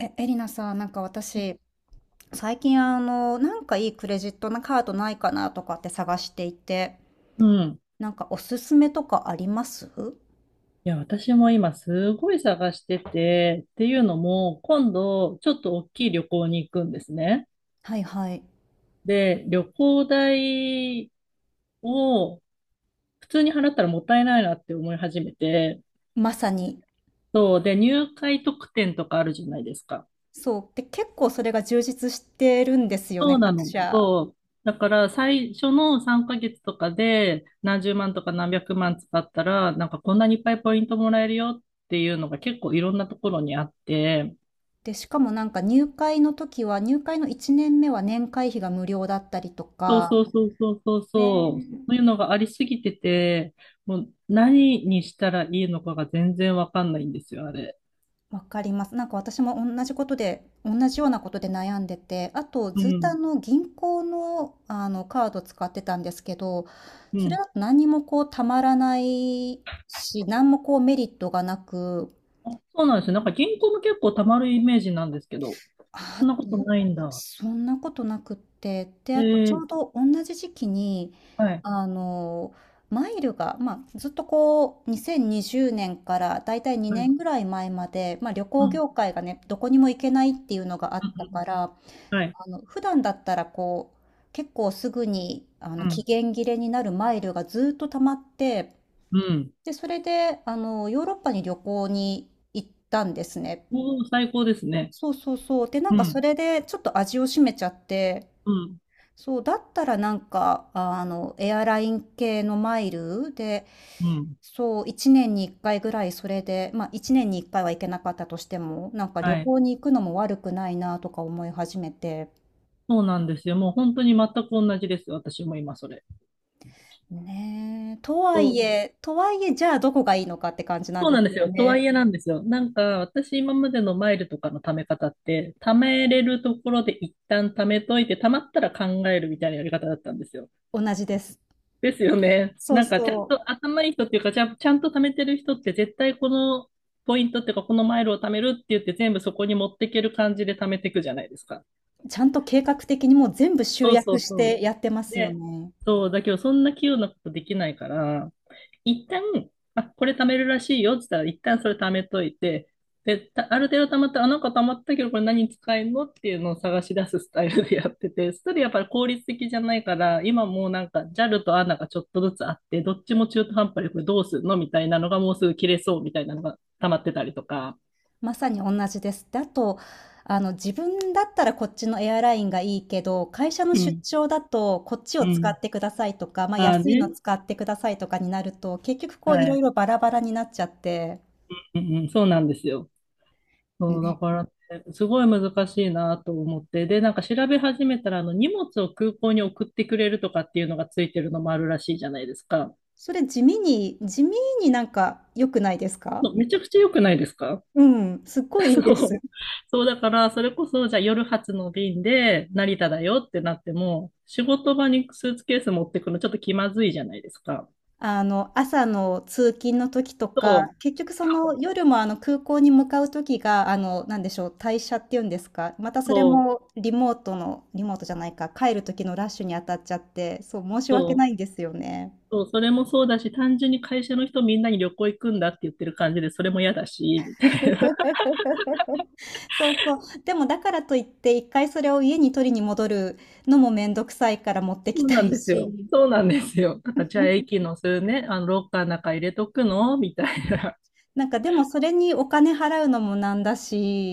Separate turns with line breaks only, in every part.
エリナさん、なんか私、最近なんかいいクレジットのカードないかなとかって探していて、
うん。
なんかおすすめとかあります？
いや、私も今すごい探してて、っていうのも、今度ちょっと大きい旅行に行くんですね。
はいはい。
で、旅行代を普通に払ったらもったいないなって思い始めて、
まさに。
そう。で、入会特典とかあるじゃないですか。
そう。で、結構それが充実してるんですよ
そ
ね、
うな
各
の。
社。
そう。だから最初の3ヶ月とかで何十万とか何百万使ったら、なんかこんなにいっぱいポイントもらえるよっていうのが結構いろんなところにあって、
で、しかもなんか入会の時は、入会の1年目は年会費が無料だったりと
そう
か。
そうそうそうそう
ね。
そう、そういうのがありすぎてて、もう何にしたらいいのかが全然わかんないんですよ、あれ。
わかります。なんか私も同じことで、同じようなことで悩んでて、あと
う
ずっとあ
ん、
の銀行の、あのカード使ってたんですけど、
う
それ
ん。
だと何もこうたまらないし、何もこうメリットがなく。
あ、そうなんですよ。なんか銀行も結構たまるイメージなんですけど、
ああ、
そんなこ
ど
と
う。
ないんだ。
そんなことなくって、で、
え
あとちょ
ー、
うど同じ時期に、
はい、
あの、マイルが、まあ、ずっとこう、2020年からだいたい
はい、う
2
ん、
年ぐらい前まで、まあ、旅
う
行
ん、
業界がね、どこにも行けないっていうのがあったから、
うん、はい、
普段だったらこう、結構すぐに、
う
期
ん、
限切れになるマイルがずっと溜まって、
うん。
で、それで、ヨーロッパに旅行に行ったんですね。
おお、最高ですね。
そうそうそう。で、なん
う
かそ
ん、
れでちょっと味を占めちゃって、
うん、
そう、だったらなんか、エアライン系のマイルで、
うん。
そう、1年に1回ぐらいそれで、まあ1年に1回は行けなかったとしても、なんか旅
はい。
行に行くのも悪くないなとか思い始めて。
そうなんですよ。もう本当に全く同じです。私も今それ。
ねえ、とは
そ
い
う、
え、とはいえ、じゃあどこがいいのかって感じなん
そう
で
なん
す
です
よ
よ。とは
ね。
いえなんですよ。なんか、私今までのマイルとかの貯め方って、貯めれるところで一旦貯めといて、貯まったら考えるみたいなやり方だったんですよ。
同じです。
ですよね。
そう
なんか、ちゃん
そ
と頭いい人っていうか、ちゃんと貯めてる人って絶対このポイントっていうか、このマイルを貯めるって言って全部そこに持っていける感じで貯めていくじゃないですか。
う。ちゃんと計画的にもう全部集
そうそ
約
う
し
そ
てやってま
う。
すよ
で、
ね。
そう、だけどそんな器用なことできないから、一旦、あ、これ貯めるらしいよって言ったら、一旦それ貯めといて、で、ある程度貯まったら、あ、なんか貯まったけど、これ何に使えるのっていうのを探し出すスタイルでやってて、それやっぱり効率的じゃないから、今もうなんか JAL と ANA がちょっとずつあって、どっちも中途半端でこれどうするのみたいなのがもうすぐ切れそうみたいなのが溜まってたりとか。
まさに同じです。で、あと、自分だったらこっちのエアラインがいいけど、会社の
う
出
ん、
張だとこっちを
う
使
ん。
ってくださいとか、まあ、
ああ
安いの
ね。
使ってくださいとかになると、結局こ
は
ういろい
い。
ろバラバラになっちゃって、
うん、うん、そうなんですよ。そう、だ
ね。
からね、すごい難しいなと思って。で、なんか調べ始めたら、荷物を空港に送ってくれるとかっていうのがついてるのもあるらしいじゃないですか。
それ地味に地味になんか良くないですか？
そう、めちゃくちゃ良くないですか？
うん、すっ ごいいい
そ
です。
う。そう、だから、それこそ、じゃあ夜発の便で成田だよってなっても、仕事場にスーツケース持ってくのちょっと気まずいじゃないですか。
朝の通勤の時と
そ
か、
う、
結局その夜もあの空港に向かう時が、なんでしょう、退社っていうんですか、またそれ
そう、
もリモートのリモートじゃないか、帰る時のラッシュに当たっちゃって、そう、申し訳な
そ
いん
う、
ですよね。
そう、それもそうだし、単純に会社の人みんなに旅行行くんだって言ってる感じで、それも嫌だし、
そうそう。でもだからといって、一回それを家に取りに戻るのもめんどくさいから持ってき
そう
た
なん
い
ですよ。
し、
そうなんですよ。なんか、じゃあ駅のするね、ロッカーの中入れとくのみたいな。
なんかでもそれにお金払うのもなんだ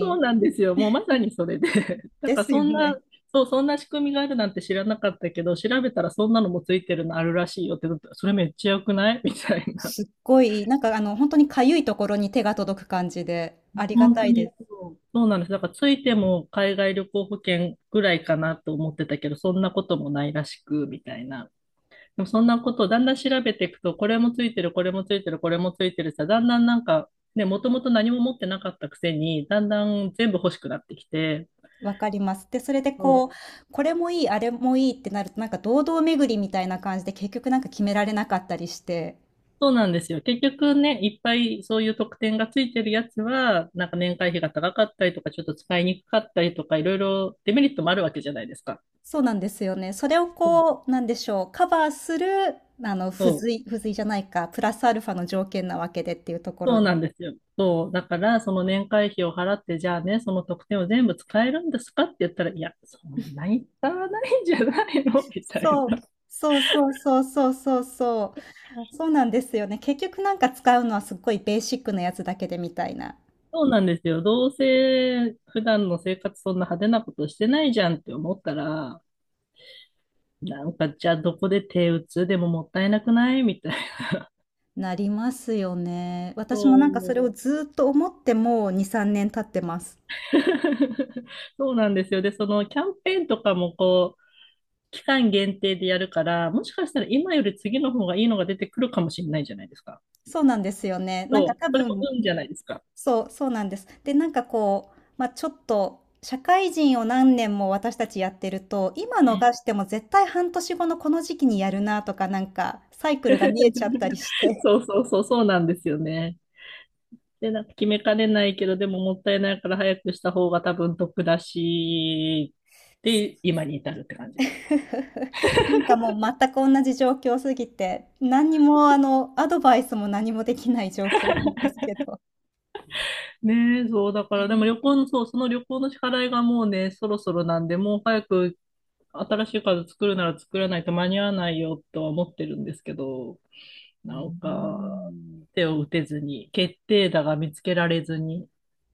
そうなんですよ。もうまさにそれで。なん
で
か
す
そ
よ
んな、
ね。
そう、そんな仕組みがあるなんて知らなかったけど、調べたらそんなのもついてるのあるらしいよってなったら、それめっちゃ良くないみたいな。
すっごい、なんか本当にかゆいところに手が届く感じで、ありが
本
た
当
いで
に
す。
そう、そうなんです。だからついても海外旅行保険ぐらいかなと思ってたけど、そんなこともないらしく、みたいな。でもそんなことをだんだん調べていくと、これもついてる、これもついてる、これもついてるさ、だんだんなんか、ね、もともと何も持ってなかったくせに、だんだん全部欲しくなってきて、
わかります。で、それで
そ
こう、
う、
これもいい、あれもいいってなると、なんか堂々巡りみたいな感じで、結局なんか決められなかったりして。
そうなんですよ。結局ね、いっぱいそういう特典がついてるやつは、なんか年会費が高かったりとか、ちょっと使いにくかったりとか、いろいろデメリットもあるわけじゃないですか。
そうなんですよね。それを
うん、
こう、なんでしょう、カバーする、
そ
付
う、
随付随じゃないか、プラスアルファの条件なわけでっていうところ
そう
で。
なんですよ。そう。だから、その年会費を払って、じゃあね、その特典を全部使えるんですかって言ったら、いや、そんなに使わないんじゃないのみたい
そ
な。
う。そうそうそうそうそうそう。そうなんですよね。結局なんか使うのはすっごいベーシックなやつだけでみたいな。
そうなんですよ。どうせ普段の生活そんな派手なことしてないじゃんって思ったら、なんかじゃあどこで手打つでももったいなくないみたいな。
なりますよね。
そ
私もなんかそれ
う。
をずっと思ってもう2、3年経ってます。
そうなんですよ。で、そのキャンペーンとかもこう、期間限定でやるから、もしかしたら今より次の方がいいのが出てくるかもしれないじゃないですか。
そうなんですよね。なんか
そう。
多
それも
分、
運じゃないですか。
そう、そうなんです。で、なんかこう、まあ、ちょっと、社会人を何年も私たちやってると、今
うん。
逃しても絶対半年後のこの時期にやるなとか、なんかサイクルが見えちゃったりし て。
そうそうそう、そうなんですよね。で、なんか決めかねないけど、でももったいないから早くした方が多分得だし、で、今に至るって感じです。
なんかもう全く同じ状況すぎて、何にもアドバイスも何もできない状況なんですけど。
ねえ、そう、だから、でも旅行の、そう、その旅行の支払いがもうね、そろそろなんで、もう早く新しいカード作るなら作らないと間に合わないよとは思ってるんですけど、
うー
なんか、
ん
手を打てずに、決定打が見つけられずに、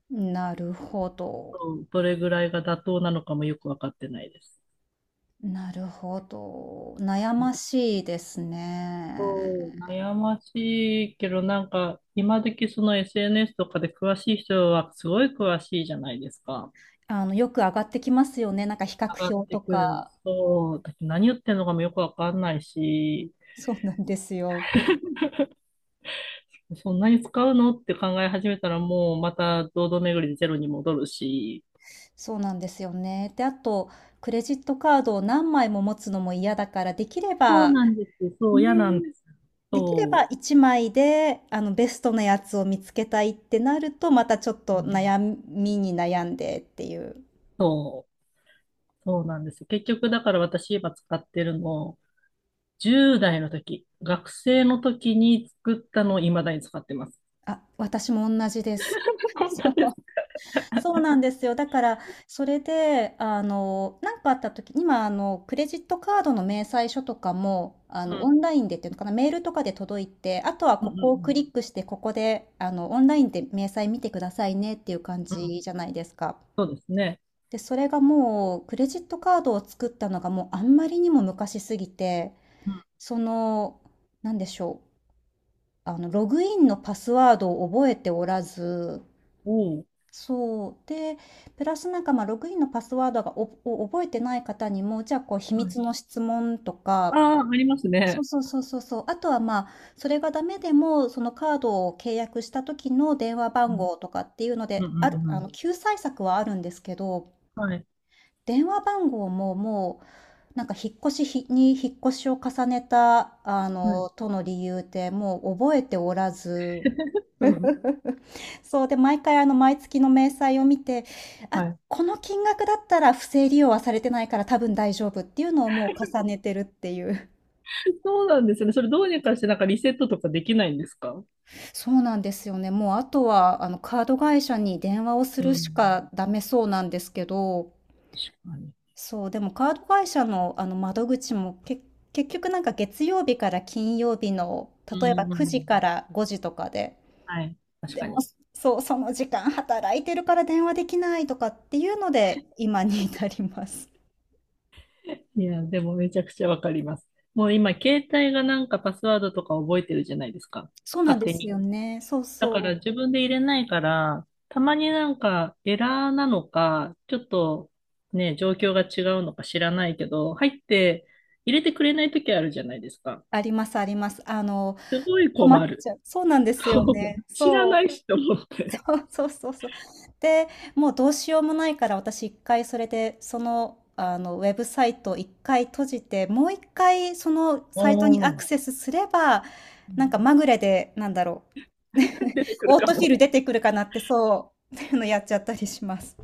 なるほど。
そう、どれぐらいが妥当なのかもよくわかってないです。
なるほど。悩ましいですね。
そう、悩ましいけど、なんか、今時その SNS とかで詳しい人はすごい詳しいじゃないですか。
よく上がってきますよね。なんか比
上が
較
っ
表
て
と
くる。
か。
そう。だって何言ってんのかもよくわかんないし、
そうなんですよ。
そんなに使うのって考え始めたらもうまた堂々巡りでゼロに戻るし。
そうなんですよね。で、あと、クレジットカードを何枚も持つのも嫌だから、できれ
そう
ば、
なんです。そ
ね、
う、嫌なんです。
できれ
そ
ば1枚で、ベストなやつを見つけたいってなると、またちょっ
う。う
と
ん、
悩みに悩んでっていう。
そう。そうなんです。結局、だから私今使ってるの、10代の時、学生の時に作ったのを未だに使ってます。
あ、私も同じです。
本
そ
当
う
です。
そうなんですよ。だから、それで、なんかあった時、今、クレジットカードの明細書とかも、
う
オ
ん。
ンラインでっていうのかな、メールとかで届いて、あとは
う
こ
ん、う
こをク
ん、
リックして、ここで、オンラインで明細見てくださいねっていう感
うん。う
じ
ん。
じゃないですか。
ですね。
で、それがもう、クレジットカードを作ったのがもうあんまりにも昔すぎて、
うん。
その、なんでしょう、ログインのパスワードを覚えておらず、
おお。
そう。で、プラスなんか、ログインのパスワードが、おを覚えてない方にも、じゃあ、こう、秘
はい。
密の質問とか。
ああ、あります
そ
ね。
うそうそうそうそう。あとは、あ、それがダメでも、そのカードを契約した時の電話
う
番
ん。
号とかっていうの
う
で、
ん、う
ある
ん、う
あの、
ん。
救済策はあるんですけど、
はい。
電話番号も、もう、なんか、引っ越しを重ねた、
はい。
との理由で、もう覚えておらず。
うん。
そう。で、毎月の明細を見て、
は
あ、
い。
この金額だったら不正利用はされてないから多分大丈夫っていうのをもう重ねてるっていう。
そうなんですね。それどうにかしてなんかリセットとかできないんですか？
そうなんですよね。もうあとはあのカード会社に電話をす
う
るし
ん。
かダメそうなんですけど、
確かに。
そう、でもカード会社のあの窓口も結局なんか月曜日から金曜日の
う
例えば
ん、う
9
ん、う
時
ん。
から5時とかで、
はい。確
で
か
も
に。
そう、その時間働いてるから電話できないとかっていうので今に至ります。
いや、でもめちゃくちゃわかります。もう今、携帯がなんかパスワードとか覚えてるじゃないですか。
そうなん
勝
で
手
す
に。
よね。そう
だか
そ
ら
う。
自分で入れないから、たまになんかエラーなのか、ちょっとね、状況が違うのか知らないけど、入って入れてくれない時あるじゃないですか。
ありますあります。
すごい
困っ
困る。
ちゃう。そうなんです
そ
よ
う、
ね。
知ら
そ
な
う。
いしと思って。
そうそうそうそう。で、もうどうしようもないから、私1回それで、ウェブサイトを1回閉じて、もう1回その
お
サイトにア
ー、
クセスすれば、なんかまぐれで、なんだろう、
出てくる
オー
か
トフィ
も。
ル出てくるかなって、そう、っていうのやっちゃったりします。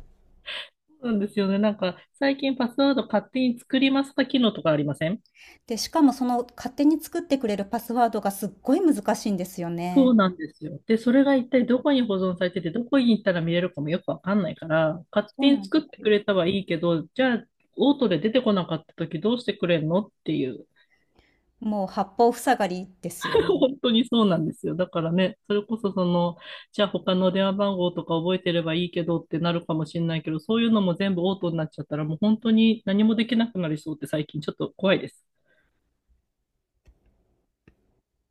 そうなんですよね。なんか、最近パスワード勝手に作りますか機能とかありません？
で、しかもその勝手に作ってくれるパスワードがすっごい難しいんですよ
そう
ね。
なんですよ。で、それが一体どこに保存されてて、どこに行ったら見れるかもよくわかんないから、勝
そう
手に
なん
作っ
で
て
す
く
よ。
れたはいいけど、じゃあ、オートで出てこなかった時どうしてくれんのっていう。
もう八方塞がりですよ ね。
本当にそうなんですよ。だからね、それこそその、じゃあ他の電話番号とか覚えてればいいけどってなるかもしれないけど、そういうのも全部オートになっちゃったら、もう本当に何もできなくなりそうって最近ちょっと怖いです。